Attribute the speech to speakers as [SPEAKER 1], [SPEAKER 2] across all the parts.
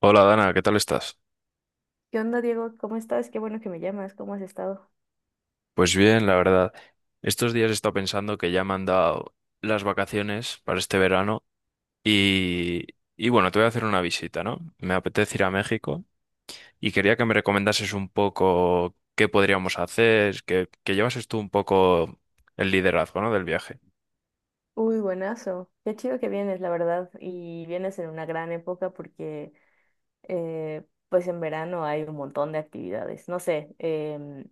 [SPEAKER 1] Hola Dana, ¿qué tal estás?
[SPEAKER 2] ¿Qué onda, Diego? ¿Cómo estás? Qué bueno que me llamas. ¿Cómo has estado?
[SPEAKER 1] Pues bien, la verdad. Estos días he estado pensando que ya me han dado las vacaciones para este verano y, y bueno, te voy a hacer una visita, ¿no? Me apetece ir a México y quería que me recomendases un poco qué podríamos hacer, que llevases tú un poco el liderazgo, ¿no? Del viaje.
[SPEAKER 2] Uy, buenazo. Qué chido que vienes, la verdad. Y vienes en una gran época porque, pues en verano hay un montón de actividades. No sé,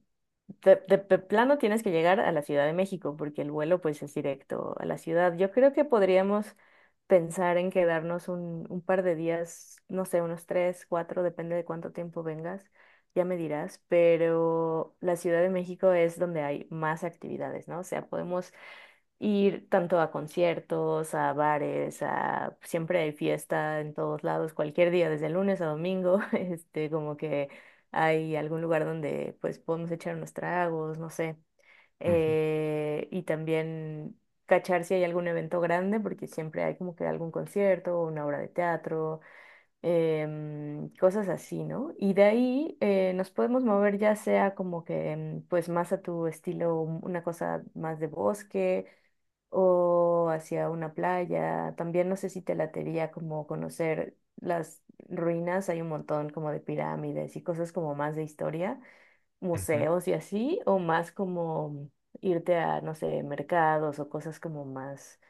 [SPEAKER 2] de plano tienes que llegar a la Ciudad de México porque el vuelo pues es directo a la ciudad. Yo creo que podríamos pensar en quedarnos un par de días, no sé, unos tres, cuatro, depende de cuánto tiempo vengas, ya me dirás, pero la Ciudad de México es donde hay más actividades, ¿no? O sea, podemos ir tanto a conciertos, a bares, a siempre hay fiesta en todos lados, cualquier día, desde lunes a domingo, como que hay algún lugar donde pues podemos echar unos tragos, no sé.
[SPEAKER 1] Ujú,
[SPEAKER 2] Y también cachar si hay algún evento grande, porque siempre hay como que algún concierto o una obra de teatro, cosas así, ¿no? Y de ahí nos podemos mover ya sea como que pues más a tu estilo, una cosa más de bosque o hacia una playa. También no sé si te latería como conocer las ruinas, hay un montón como de pirámides y cosas como más de historia,
[SPEAKER 1] ujú.
[SPEAKER 2] museos y así, o más como irte a, no sé, mercados o cosas como más,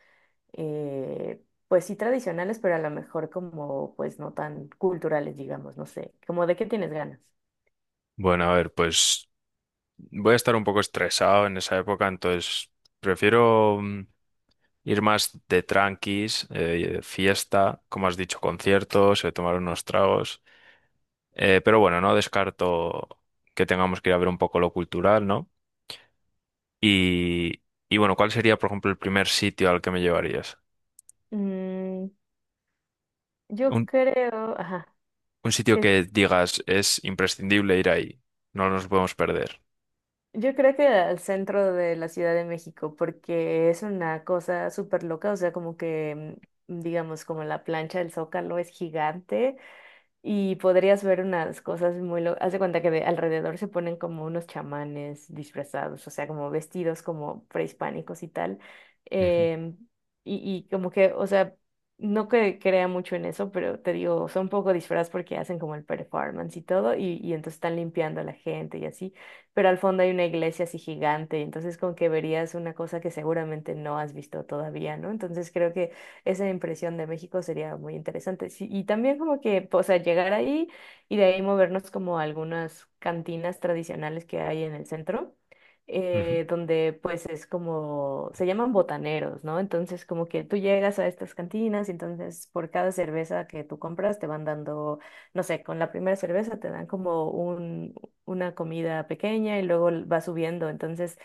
[SPEAKER 2] pues sí tradicionales, pero a lo mejor como pues no tan culturales, digamos, no sé, como de qué tienes ganas.
[SPEAKER 1] Bueno, a ver, pues voy a estar un poco estresado en esa época, entonces prefiero ir más de tranquis, fiesta, como has dicho, conciertos, tomar unos tragos. Pero bueno, no descarto que tengamos que ir a ver un poco lo cultural, ¿no? Y, y bueno, ¿cuál sería, por ejemplo, el primer sitio al que me llevarías?
[SPEAKER 2] Mm, yo
[SPEAKER 1] Un,
[SPEAKER 2] creo, ajá.
[SPEAKER 1] un sitio que digas es imprescindible ir ahí, no nos podemos perder.
[SPEAKER 2] Yo creo que al centro de la Ciudad de México, porque es una cosa súper loca, o sea, como que, digamos, como la plancha del Zócalo es gigante y podrías ver unas cosas muy locas. Haz de cuenta que de alrededor se ponen como unos chamanes disfrazados, o sea, como vestidos como prehispánicos y tal.
[SPEAKER 1] Ujú,
[SPEAKER 2] Em, y, y como que, o sea, no que crea mucho en eso, pero te digo, son un poco disfraz porque hacen como el performance y todo, y entonces están limpiando a la gente y así. Pero al fondo hay una iglesia así gigante, entonces como que verías una cosa que seguramente no has visto todavía, ¿no? Entonces creo que esa impresión de México sería muy interesante. Sí, y también como que, pues, o sea, llegar ahí y de ahí movernos como a algunas cantinas tradicionales que hay en el centro.
[SPEAKER 1] ujú.
[SPEAKER 2] Eh, donde pues es como, se llaman botaneros, ¿no? Entonces como que tú llegas a estas cantinas y entonces por cada cerveza que tú compras te van dando, no sé, con la primera cerveza te dan como una comida pequeña y luego va subiendo. Entonces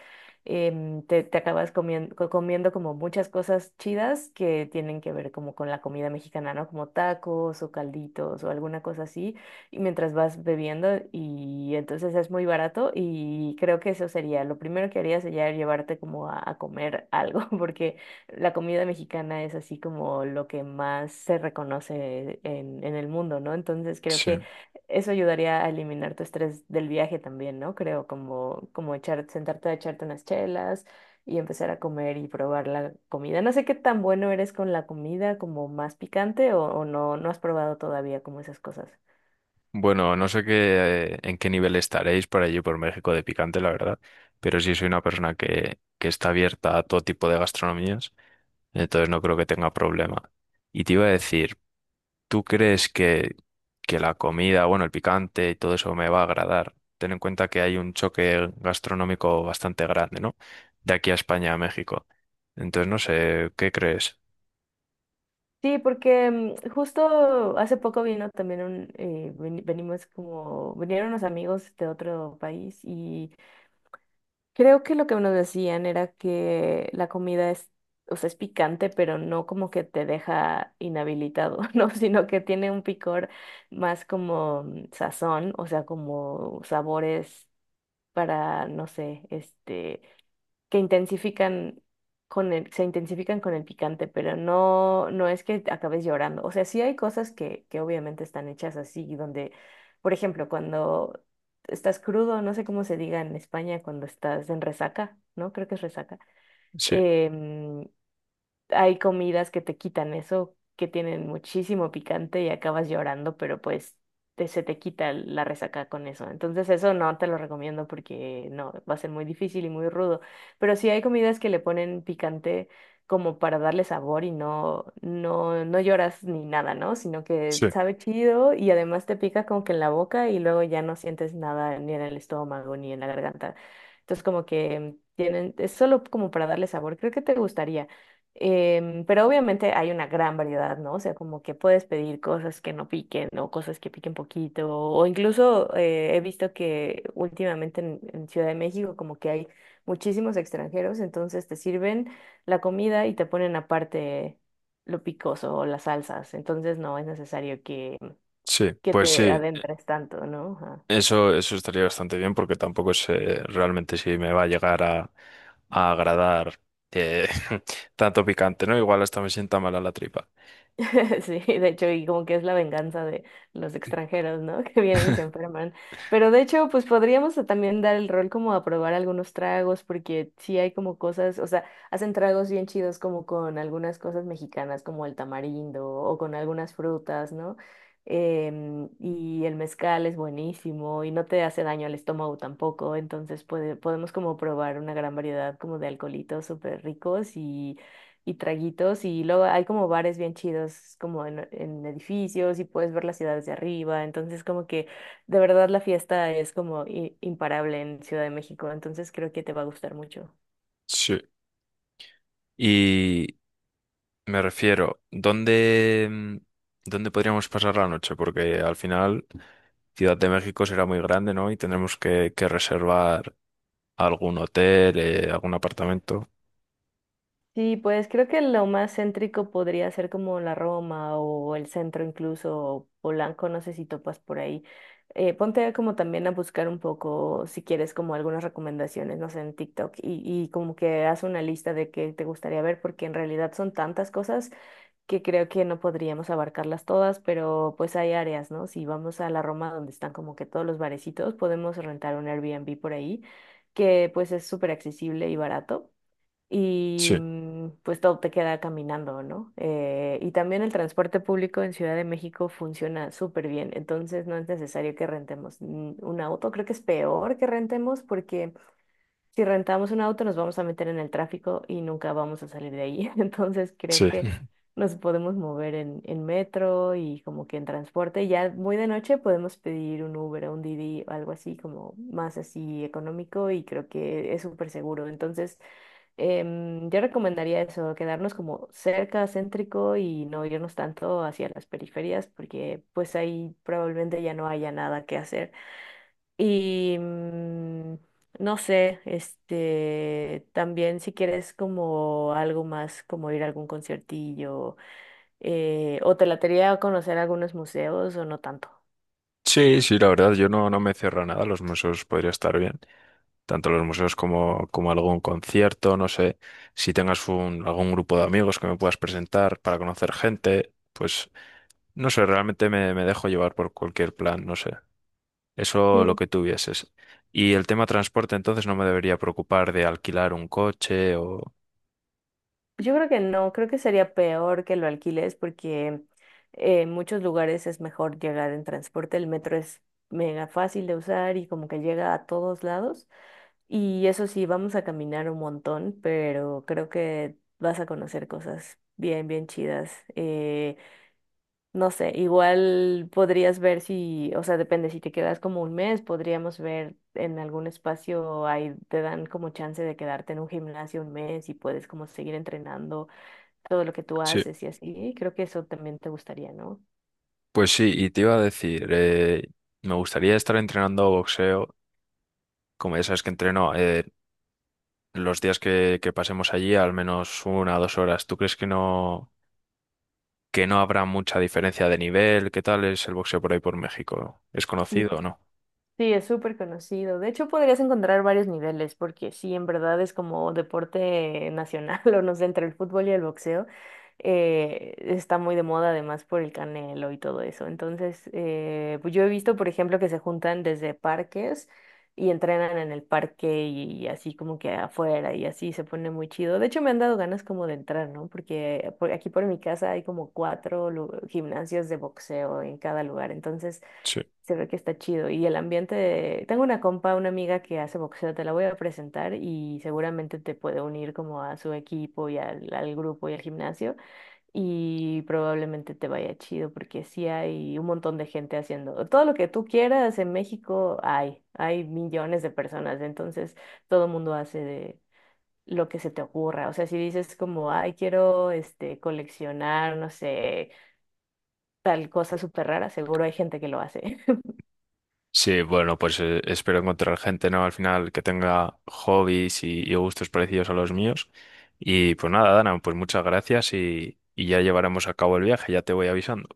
[SPEAKER 2] te acabas comiendo como muchas cosas chidas que tienen que ver como con la comida mexicana, ¿no? Como tacos o calditos o alguna cosa así, y mientras vas bebiendo y entonces es muy barato y creo que eso sería, lo primero que haría sería llevarte como a comer algo, porque la comida mexicana es así como lo que más se reconoce en el mundo, ¿no? Entonces creo
[SPEAKER 1] Sí.
[SPEAKER 2] que eso ayudaría a eliminar tu estrés del viaje también, ¿no? Creo, como echar, sentarte a echarte unas chelas y empezar a comer y probar la comida. No sé qué tan bueno eres con la comida, como más picante o no, no has probado todavía como esas cosas.
[SPEAKER 1] Bueno, no sé qué, en qué nivel estaréis por allí, por México de picante, la verdad, pero sí soy una persona que está abierta a todo tipo de gastronomías. Entonces no creo que tenga problema. Y te iba a decir, ¿tú crees que la comida, bueno, el picante y todo eso me va a agradar? Ten en cuenta que hay un choque gastronómico bastante grande, ¿no? De aquí a España, a México. Entonces, no sé, ¿qué crees?
[SPEAKER 2] Sí, porque justo hace poco vino también un, veni- venimos como, vinieron unos amigos de otro país y creo que lo que nos decían era que la comida es, o sea, es picante, pero no como que te deja inhabilitado, ¿no? Sino que tiene un picor más como sazón, o sea, como sabores para, no sé, que intensifican se intensifican con el picante, pero no, no es que acabes llorando. O sea, sí hay cosas que obviamente están hechas así, donde, por ejemplo, cuando estás crudo, no sé cómo se diga en España cuando estás en resaca, ¿no? Creo que es resaca.
[SPEAKER 1] Sí,
[SPEAKER 2] Em, Hay comidas que te quitan eso, que tienen muchísimo picante y acabas llorando, pero pues te- se te quita la resaca con eso. Entonces eso no te lo recomiendo porque no, va a ser muy difícil y muy rudo. Pero sí hay comidas que le ponen picante como para darle sabor y no, no, no lloras ni nada, ¿no? Sino que
[SPEAKER 1] sí,
[SPEAKER 2] sabe chido y además te pica como que en la boca y luego ya no sientes nada ni en el estómago ni en la garganta. Entonces como que tienen, es solo como para darle sabor. Creo que te gustaría. Pero obviamente hay una gran variedad, ¿no? O sea, como que puedes pedir cosas que no piquen o cosas que piquen poquito, o incluso he visto que últimamente en Ciudad de México como que hay muchísimos extranjeros, entonces te sirven la comida y te ponen aparte lo picoso o las salsas, entonces no es necesario que,
[SPEAKER 1] sí.
[SPEAKER 2] que
[SPEAKER 1] Pues
[SPEAKER 2] te
[SPEAKER 1] sí,
[SPEAKER 2] adentres tanto, ¿no?
[SPEAKER 1] eso estaría bastante bien porque tampoco sé realmente si me va a llegar a agradar eh, tanto picante, ¿no? Igual hasta me sienta mal a la tripa.
[SPEAKER 2] Sí, de hecho, y como que es la venganza de los extranjeros, ¿no? Que vienen y se enferman. Pero de hecho, pues podríamos también dar el rol como a probar algunos tragos, porque sí hay como cosas, o sea, hacen tragos bien chidos como con algunas cosas mexicanas, como el tamarindo o con algunas frutas, ¿no? Y el mezcal es buenísimo y no te hace daño al estómago tampoco, entonces podemos como probar una gran variedad como de alcoholitos súper ricos y traguitos y luego hay como bares bien chidos como en edificios y puedes ver las ciudades de arriba, entonces como que de verdad la fiesta es como imparable en Ciudad de México, entonces creo que te va a gustar mucho.
[SPEAKER 1] Sí. Y me refiero, ¿dónde, dónde podríamos pasar la noche? Porque al final Ciudad de México será muy grande, ¿no? Y tendremos que reservar algún hotel, algún apartamento.
[SPEAKER 2] Sí, pues creo que lo más céntrico podría ser como la Roma o el centro incluso, o Polanco, no sé si topas por ahí. Ponte como también a buscar un poco, si quieres, como algunas recomendaciones, no sé, en TikTok y como que haz una lista de qué te gustaría ver, porque en realidad son tantas cosas que creo que no podríamos abarcarlas todas, pero pues hay áreas, ¿no? Si vamos a la Roma donde están como que todos los barecitos, podemos rentar un Airbnb por ahí, que pues es súper accesible y barato. Y
[SPEAKER 1] Sí,
[SPEAKER 2] pues todo te queda caminando, ¿no? Y también el transporte público en Ciudad de México funciona súper bien, entonces no es necesario que rentemos un auto, creo que es peor que rentemos porque si rentamos un auto nos vamos a meter en el tráfico y nunca vamos a salir de ahí. Entonces creo
[SPEAKER 1] sí.
[SPEAKER 2] que nos podemos mover en metro y como que en transporte. Y ya muy de noche podemos pedir un Uber o un Didi, algo así como más así económico y creo que es súper seguro. Entonces yo recomendaría eso, quedarnos como cerca, céntrico y no irnos tanto hacia las periferias porque pues ahí probablemente ya no haya nada que hacer. Y no sé, también si quieres como algo más, como ir a algún conciertillo, o te latería conocer algunos museos o no tanto.
[SPEAKER 1] Sí, sí, la verdad, yo no, no me cierro a nada. Los museos podría estar bien. Tanto los museos como, como algún concierto, no sé. Si tengas un, algún grupo de amigos que me puedas presentar para conocer gente, pues no sé, realmente me dejo llevar por cualquier plan, no sé. Eso lo
[SPEAKER 2] Sí,
[SPEAKER 1] que tuvieses. Y el tema transporte, entonces no me debería preocupar de alquilar un coche o...
[SPEAKER 2] yo creo que no, creo que sería peor que lo alquiles porque en muchos lugares es mejor llegar en transporte, el metro es mega fácil de usar y como que llega a todos lados. Y eso sí, vamos a caminar un montón, pero creo que vas a conocer cosas bien, bien chidas. No sé, igual podrías ver si, o sea, depende, si te quedas como un mes, podríamos ver en algún espacio, ahí te dan como chance de quedarte en un gimnasio un mes y puedes como seguir entrenando todo lo que tú
[SPEAKER 1] Sí,
[SPEAKER 2] haces y así. Creo que eso también te gustaría, ¿no?
[SPEAKER 1] pues sí, y te iba a decir, me gustaría estar entrenando boxeo, como ya sabes que entreno, los días que pasemos allí, al menos una o dos horas. ¿Tú crees que no habrá mucha diferencia de nivel? ¿Qué tal es el boxeo por ahí por México? ¿Es conocido o no?
[SPEAKER 2] Sí, es súper conocido. De hecho, podrías encontrar varios niveles, porque sí, en verdad es como deporte nacional, o no sé, entre el fútbol y el boxeo. Está muy de moda además por el Canelo y todo eso. Entonces, pues yo he visto, por ejemplo, que se juntan desde parques y entrenan en el parque y, así como que afuera y así se pone muy chido. De hecho, me han dado ganas como de entrar, ¿no? Porque aquí por mi casa hay como cuatro gimnasios de boxeo en cada lugar. Entonces... Se ve que está chido. Y el ambiente de... Tengo una compa, una amiga que hace boxeo, te la voy a presentar y seguramente te puede unir como a su equipo y al grupo y al gimnasio y probablemente te vaya chido porque sí hay, un montón de gente haciendo todo lo que tú quieras en México hay millones de personas, entonces todo el mundo hace de lo que se te ocurra. O sea, si dices como, ay, quiero coleccionar, no sé, tal cosa súper rara, seguro hay gente que lo hace.
[SPEAKER 1] Sí, bueno, pues espero encontrar gente, ¿no? Al final que tenga hobbies y gustos parecidos a los míos. Y pues nada, Dana, pues muchas gracias y ya llevaremos a cabo el viaje, ya te voy avisando.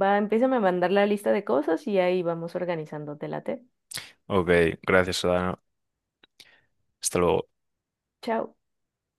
[SPEAKER 2] Va, empieza a mandar la lista de cosas y ahí vamos organizando te late.
[SPEAKER 1] Ok, gracias, Dana. Hasta luego.
[SPEAKER 2] Chao.